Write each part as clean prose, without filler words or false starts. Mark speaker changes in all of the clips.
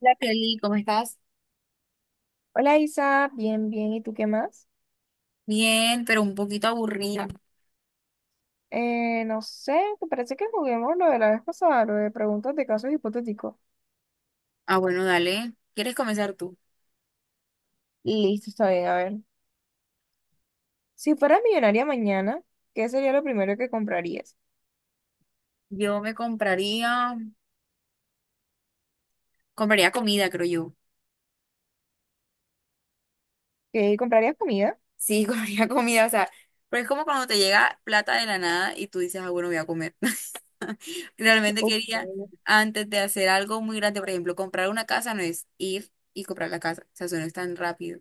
Speaker 1: Hola Kelly, ¿cómo estás?
Speaker 2: Hola Isa, bien, bien, ¿y tú qué más?
Speaker 1: Bien, pero un poquito aburrida.
Speaker 2: No sé, ¿te parece que juguemos lo de la vez pasada, lo de preguntas de casos hipotéticos?
Speaker 1: Ah, bueno, dale. ¿Quieres comenzar tú?
Speaker 2: Listo, está bien, a ver. Si fueras millonaria mañana, ¿qué sería lo primero que comprarías?
Speaker 1: Yo me compraría comida, creo yo.
Speaker 2: ¿Qué comprarías comida?
Speaker 1: Sí, compraría comida, o sea, pero es como cuando te llega plata de la nada y tú dices, ah, bueno, voy a comer. Realmente
Speaker 2: Ok,
Speaker 1: quería,
Speaker 2: ok,
Speaker 1: antes de hacer algo muy grande, por ejemplo, comprar una casa no es ir y comprar la casa, o sea, eso no es tan rápido.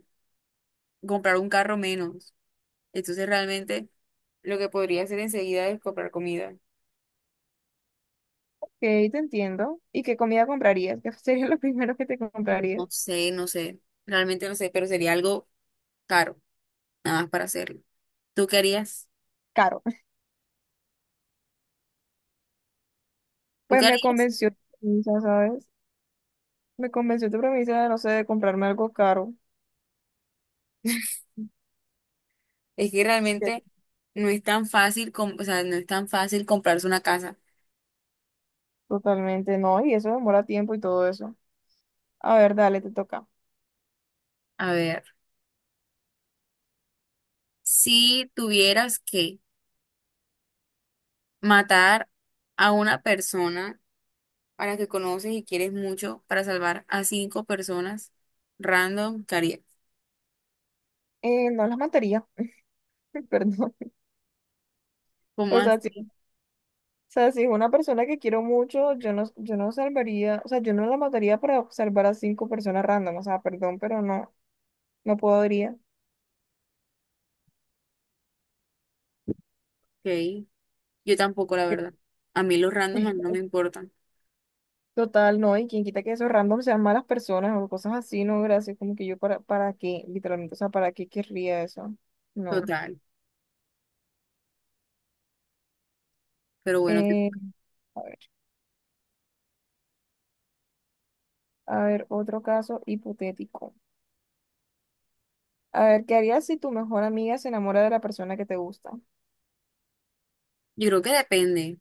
Speaker 1: Comprar un carro menos. Entonces, realmente, lo que podría hacer enseguida es comprar comida.
Speaker 2: te entiendo. ¿Y qué comida comprarías? ¿Qué sería lo primero que te comprarías?
Speaker 1: No sé, no sé, realmente no sé, pero sería algo caro, nada más para hacerlo. ¿Tú qué harías?
Speaker 2: Caro.
Speaker 1: ¿Tú
Speaker 2: Pues
Speaker 1: qué
Speaker 2: me
Speaker 1: harías?
Speaker 2: convenció tu premisa, ¿sabes? Me convenció tu premisa de, no sé, de comprarme algo caro.
Speaker 1: Es que
Speaker 2: Así
Speaker 1: realmente no es tan fácil, com- o sea, no es tan fácil comprarse una casa.
Speaker 2: totalmente no, y eso demora tiempo y todo eso. A ver, dale, te toca.
Speaker 1: A ver, si tuvieras que matar a una persona a la que conoces y quieres mucho para salvar a cinco personas random, ¿qué harías?
Speaker 2: No las mataría, perdón.
Speaker 1: ¿Cómo
Speaker 2: O
Speaker 1: así?
Speaker 2: sea, si es una persona que quiero mucho, yo no salvaría, o sea, yo no la mataría para salvar a 5 personas random, o sea, perdón, pero no, no podría.
Speaker 1: Ok, yo tampoco, la
Speaker 2: Que-
Speaker 1: verdad. A mí los random no me importan.
Speaker 2: Total, no, y quien quita que esos random sean malas personas o cosas así, no, gracias, como que yo para qué, literalmente, o sea, ¿para qué querría eso? No.
Speaker 1: Total. Pero bueno,
Speaker 2: Eh, a ver, a ver, otro caso hipotético. A ver, ¿qué harías si tu mejor amiga se enamora de la persona que te gusta?
Speaker 1: yo creo que depende,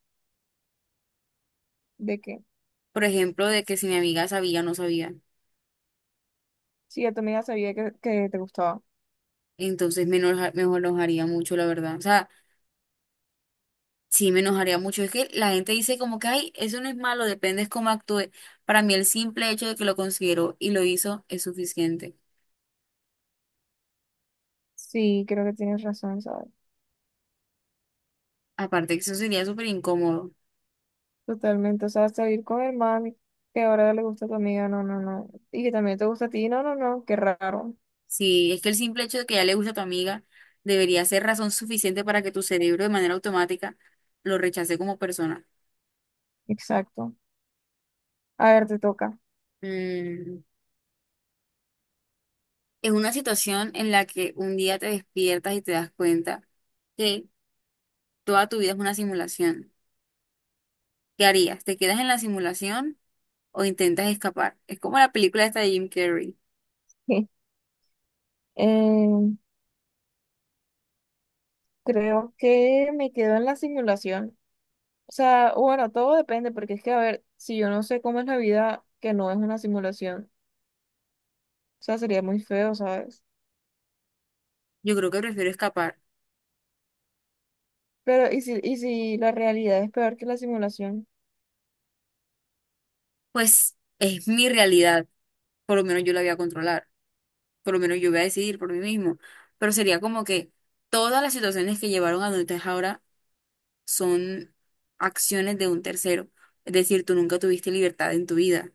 Speaker 2: ¿De qué?
Speaker 1: por ejemplo, de que si mi amiga sabía o no sabía.
Speaker 2: Sí, yo también sabía que te gustaba.
Speaker 1: Entonces me enojaría mucho, la verdad. O sea, sí me enojaría mucho. Es que la gente dice como que, ay, eso no es malo, depende es cómo actúe. Para mí el simple hecho de que lo considero y lo hizo es suficiente.
Speaker 2: Sí, creo que tienes razón, ¿sabes?
Speaker 1: Aparte que eso sería súper incómodo.
Speaker 2: Totalmente. O sea, salir con el mami, que ahora le gusta a tu amiga, no, no, no. Y que también te gusta a ti, no, no, no. Qué raro.
Speaker 1: Sí, es que el simple hecho de que ya le gusta a tu amiga debería ser razón suficiente para que tu cerebro de manera automática lo rechace como persona.
Speaker 2: Exacto. A ver, te toca.
Speaker 1: Mm, Es una situación en la que un día te despiertas y te das cuenta que toda tu vida es una simulación. ¿Qué harías? ¿Te quedas en la simulación o intentas escapar? Es como la película esta de Jim Carrey.
Speaker 2: Eh, creo que me quedo en la simulación. O sea, bueno, todo depende, porque es que, a ver, si yo no sé cómo es la vida, que no es una simulación, o sea, sería muy feo, ¿sabes?
Speaker 1: Yo creo que prefiero escapar.
Speaker 2: Pero, ¿y si la realidad es peor que la simulación?
Speaker 1: Pues es mi realidad. Por lo menos yo la voy a controlar. Por lo menos yo voy a decidir por mí mismo. Pero sería como que todas las situaciones que llevaron a donde estás ahora son acciones de un tercero. Es decir, tú nunca tuviste libertad en tu vida.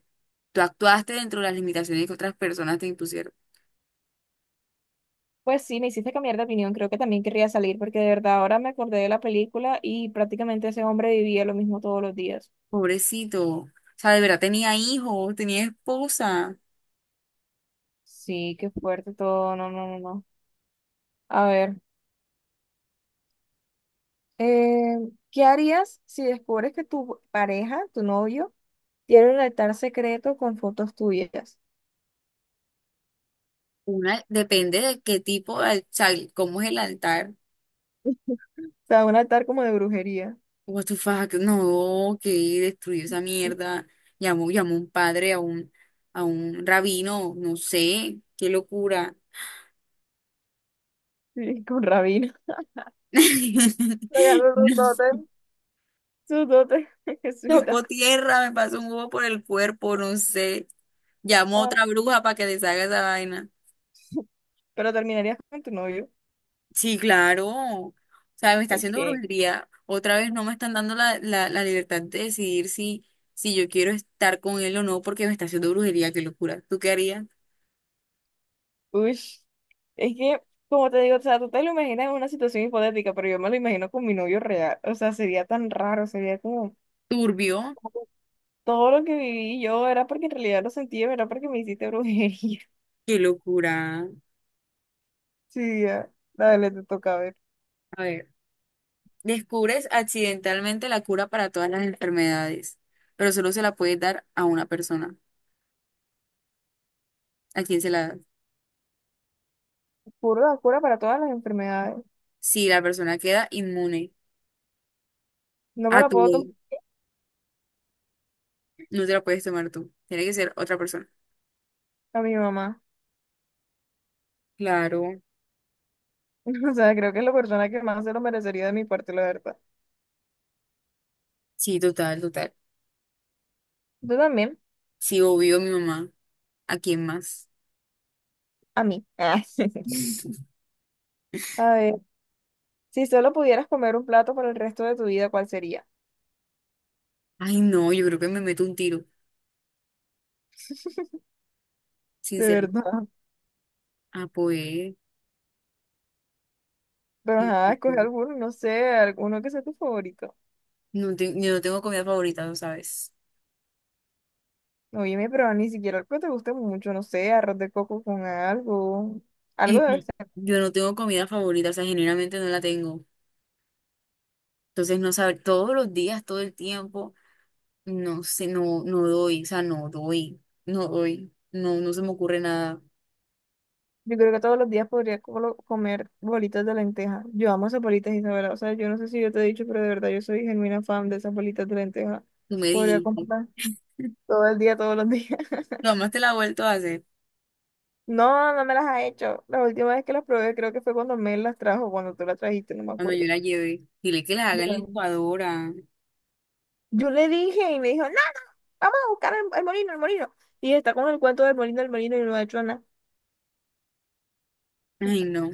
Speaker 1: Tú actuaste dentro de las limitaciones que otras personas te impusieron.
Speaker 2: Pues sí, me hiciste cambiar de opinión. Creo que también querría salir porque de verdad ahora me acordé de la película y prácticamente ese hombre vivía lo mismo todos los días.
Speaker 1: Pobrecito. O sea, de verdad tenía hijos, tenía esposa.
Speaker 2: Sí, qué fuerte todo. No, no, no, no. A ver, eh, ¿qué harías si descubres que tu pareja, tu novio, tiene un altar secreto con fotos tuyas?
Speaker 1: Una, depende de qué tipo, de al- o sea, cómo es el altar.
Speaker 2: O sea, un altar como de brujería.
Speaker 1: What the fuck, no, que destruyó esa mierda. Llamó un padre a un rabino, no sé, qué locura.
Speaker 2: Sí, con rabino. Pegando su tótem. Su tótem,
Speaker 1: No, tocó
Speaker 2: jesuita.
Speaker 1: tierra, me pasó un huevo por el cuerpo, no sé. Llamó a
Speaker 2: Ah,
Speaker 1: otra bruja para que deshaga esa vaina.
Speaker 2: pero terminarías con tu novio.
Speaker 1: Sí, claro. O sea, me está haciendo
Speaker 2: Ok.
Speaker 1: brujería. Otra vez no me están dando la libertad de decidir si yo quiero estar con él o no porque me está haciendo brujería. Qué locura. ¿Tú qué harías?
Speaker 2: Ush, es que, como te digo, o sea, tú te lo imaginas en una situación hipotética, pero yo me lo imagino con mi novio real. O sea, sería tan raro, sería como
Speaker 1: Turbio.
Speaker 2: todo lo que viví yo era porque en realidad lo sentí, era porque me hiciste brujería.
Speaker 1: Qué locura.
Speaker 2: Sí, ya. Dale, te toca ver.
Speaker 1: A ver, descubres accidentalmente la cura para todas las enfermedades, pero solo se la puedes dar a una persona. ¿A quién se la das?
Speaker 2: Cura, cura para todas las enfermedades.
Speaker 1: Si la persona queda inmune
Speaker 2: No me
Speaker 1: a
Speaker 2: lo
Speaker 1: tu
Speaker 2: puedo tomar
Speaker 1: ley, no te la puedes tomar tú. Tiene que ser otra persona.
Speaker 2: a mi mamá.
Speaker 1: Claro.
Speaker 2: O sea, creo que es la persona que más se lo merecería de mi parte, la verdad.
Speaker 1: Sí, total, total.
Speaker 2: Tú también,
Speaker 1: Sí, obvio, mi mamá. ¿A quién más?
Speaker 2: a mí. A ver, si solo pudieras comer un plato por el resto de tu vida, ¿cuál sería?
Speaker 1: Ay, no, yo creo que me meto un tiro,
Speaker 2: De
Speaker 1: sinceramente.
Speaker 2: verdad.
Speaker 1: Ah, pues.
Speaker 2: Pero ajá, escoge
Speaker 1: No,
Speaker 2: alguno, no sé, alguno que sea tu favorito.
Speaker 1: no te- yo no tengo comida favorita, lo sabes.
Speaker 2: Oye, pero ni siquiera algo que te guste mucho, no sé, arroz de coco con algo. Algo
Speaker 1: Y
Speaker 2: debe
Speaker 1: sí,
Speaker 2: estar.
Speaker 1: yo no tengo comida favorita, o sea, generalmente no la tengo. Entonces, no saber todos los días, todo el tiempo, no sé, no, no doy, o sea, no doy, no doy, no, no se me ocurre nada.
Speaker 2: Yo creo que todos los días podría colo- comer bolitas de lenteja. Yo amo esas bolitas, Isabela. O sea, yo no sé si yo te he dicho, pero de verdad yo soy genuina fan de esas bolitas de lenteja.
Speaker 1: Tú me
Speaker 2: Podría
Speaker 1: dijiste.
Speaker 2: comprarlas todo el día, todos los días.
Speaker 1: Lo más te la he vuelto a hacer
Speaker 2: No, no me las ha hecho. La última vez que las probé creo que fue cuando Mel las trajo, cuando tú las trajiste, no me
Speaker 1: cuando yo
Speaker 2: acuerdo.
Speaker 1: la llevé. Dile que la haga en la
Speaker 2: Bueno,
Speaker 1: licuadora.
Speaker 2: yo le dije y me dijo, no. Vamos a buscar el molino, el molino. Y está con el cuento del molino, el molino y lo ha hecho nada.
Speaker 1: Ay, no.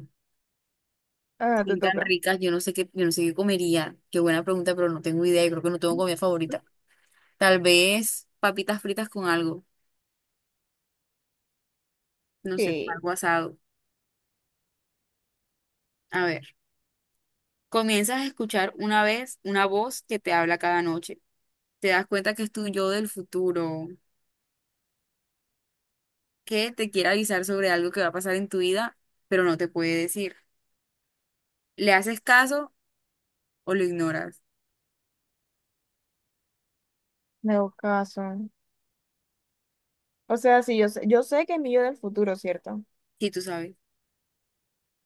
Speaker 2: Ah, te
Speaker 1: Bien tan
Speaker 2: toca.
Speaker 1: ricas, yo no sé qué, yo no sé qué comería. Qué buena pregunta, pero no tengo idea. Y creo que no tengo comida favorita. Tal vez papitas fritas con algo, no sé,
Speaker 2: Que
Speaker 1: algo asado. A ver, comienzas a escuchar una vez una voz que te habla cada noche. Te das cuenta que es tu yo del futuro, que te quiere avisar sobre algo que va a pasar en tu vida, pero no te puede decir. ¿Le haces caso o lo ignoras?
Speaker 2: le hago caso. O sea, sí, yo sé que es mío del futuro, ¿cierto?
Speaker 1: Si tú sabes.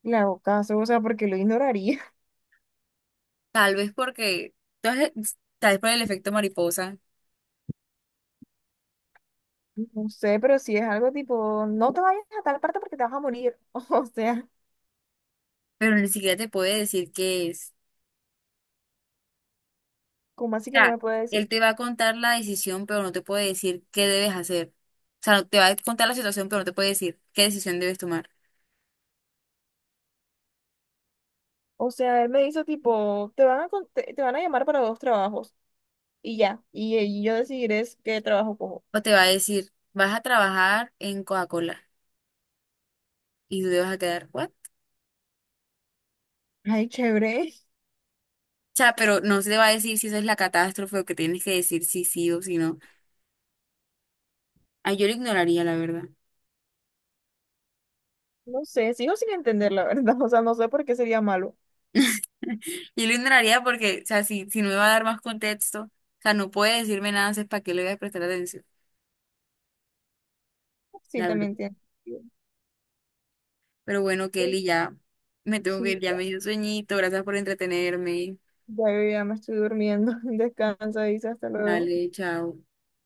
Speaker 2: Le hago caso, o sea, porque lo ignoraría.
Speaker 1: Tal vez porque, tal vez tal vez por el efecto mariposa,
Speaker 2: No sé, pero si es algo tipo, no te vayas a tal parte porque te vas a morir. O sea,
Speaker 1: pero ni siquiera te puede decir qué es.
Speaker 2: ¿cómo así que no
Speaker 1: Sea,
Speaker 2: me puede
Speaker 1: él
Speaker 2: decir?
Speaker 1: te va a contar la decisión, pero no te puede decir qué debes hacer. O sea, te va a contar la situación, pero no te puede decir qué decisión debes tomar.
Speaker 2: O sea, él me hizo tipo, con- te van a llamar para 2 trabajos y ya. Y yo decidiré es qué trabajo cojo.
Speaker 1: O te va a decir, vas a trabajar en Coca-Cola y tú te vas a quedar, ¿what?
Speaker 2: Ay, chévere.
Speaker 1: O sea, pero no se te va a decir si eso es la catástrofe o que tienes que decir si sí o si no. Ay, yo lo ignoraría, la verdad.
Speaker 2: No sé, sigo sin entender la verdad. O sea, no sé por qué sería malo.
Speaker 1: Yo lo ignoraría porque, o sea, si no me va a dar más contexto, o sea, no puede decirme nada, es para qué le voy a prestar atención,
Speaker 2: Sí,
Speaker 1: la verdad.
Speaker 2: también tiene sentido.
Speaker 1: Pero bueno, Kelly, ya me tengo que
Speaker 2: Sí,
Speaker 1: ir, ya me
Speaker 2: ya,
Speaker 1: dio sueñito, gracias por entretenerme.
Speaker 2: ya, ya me estoy durmiendo. Descansa, dice, hasta luego.
Speaker 1: Dale, chao.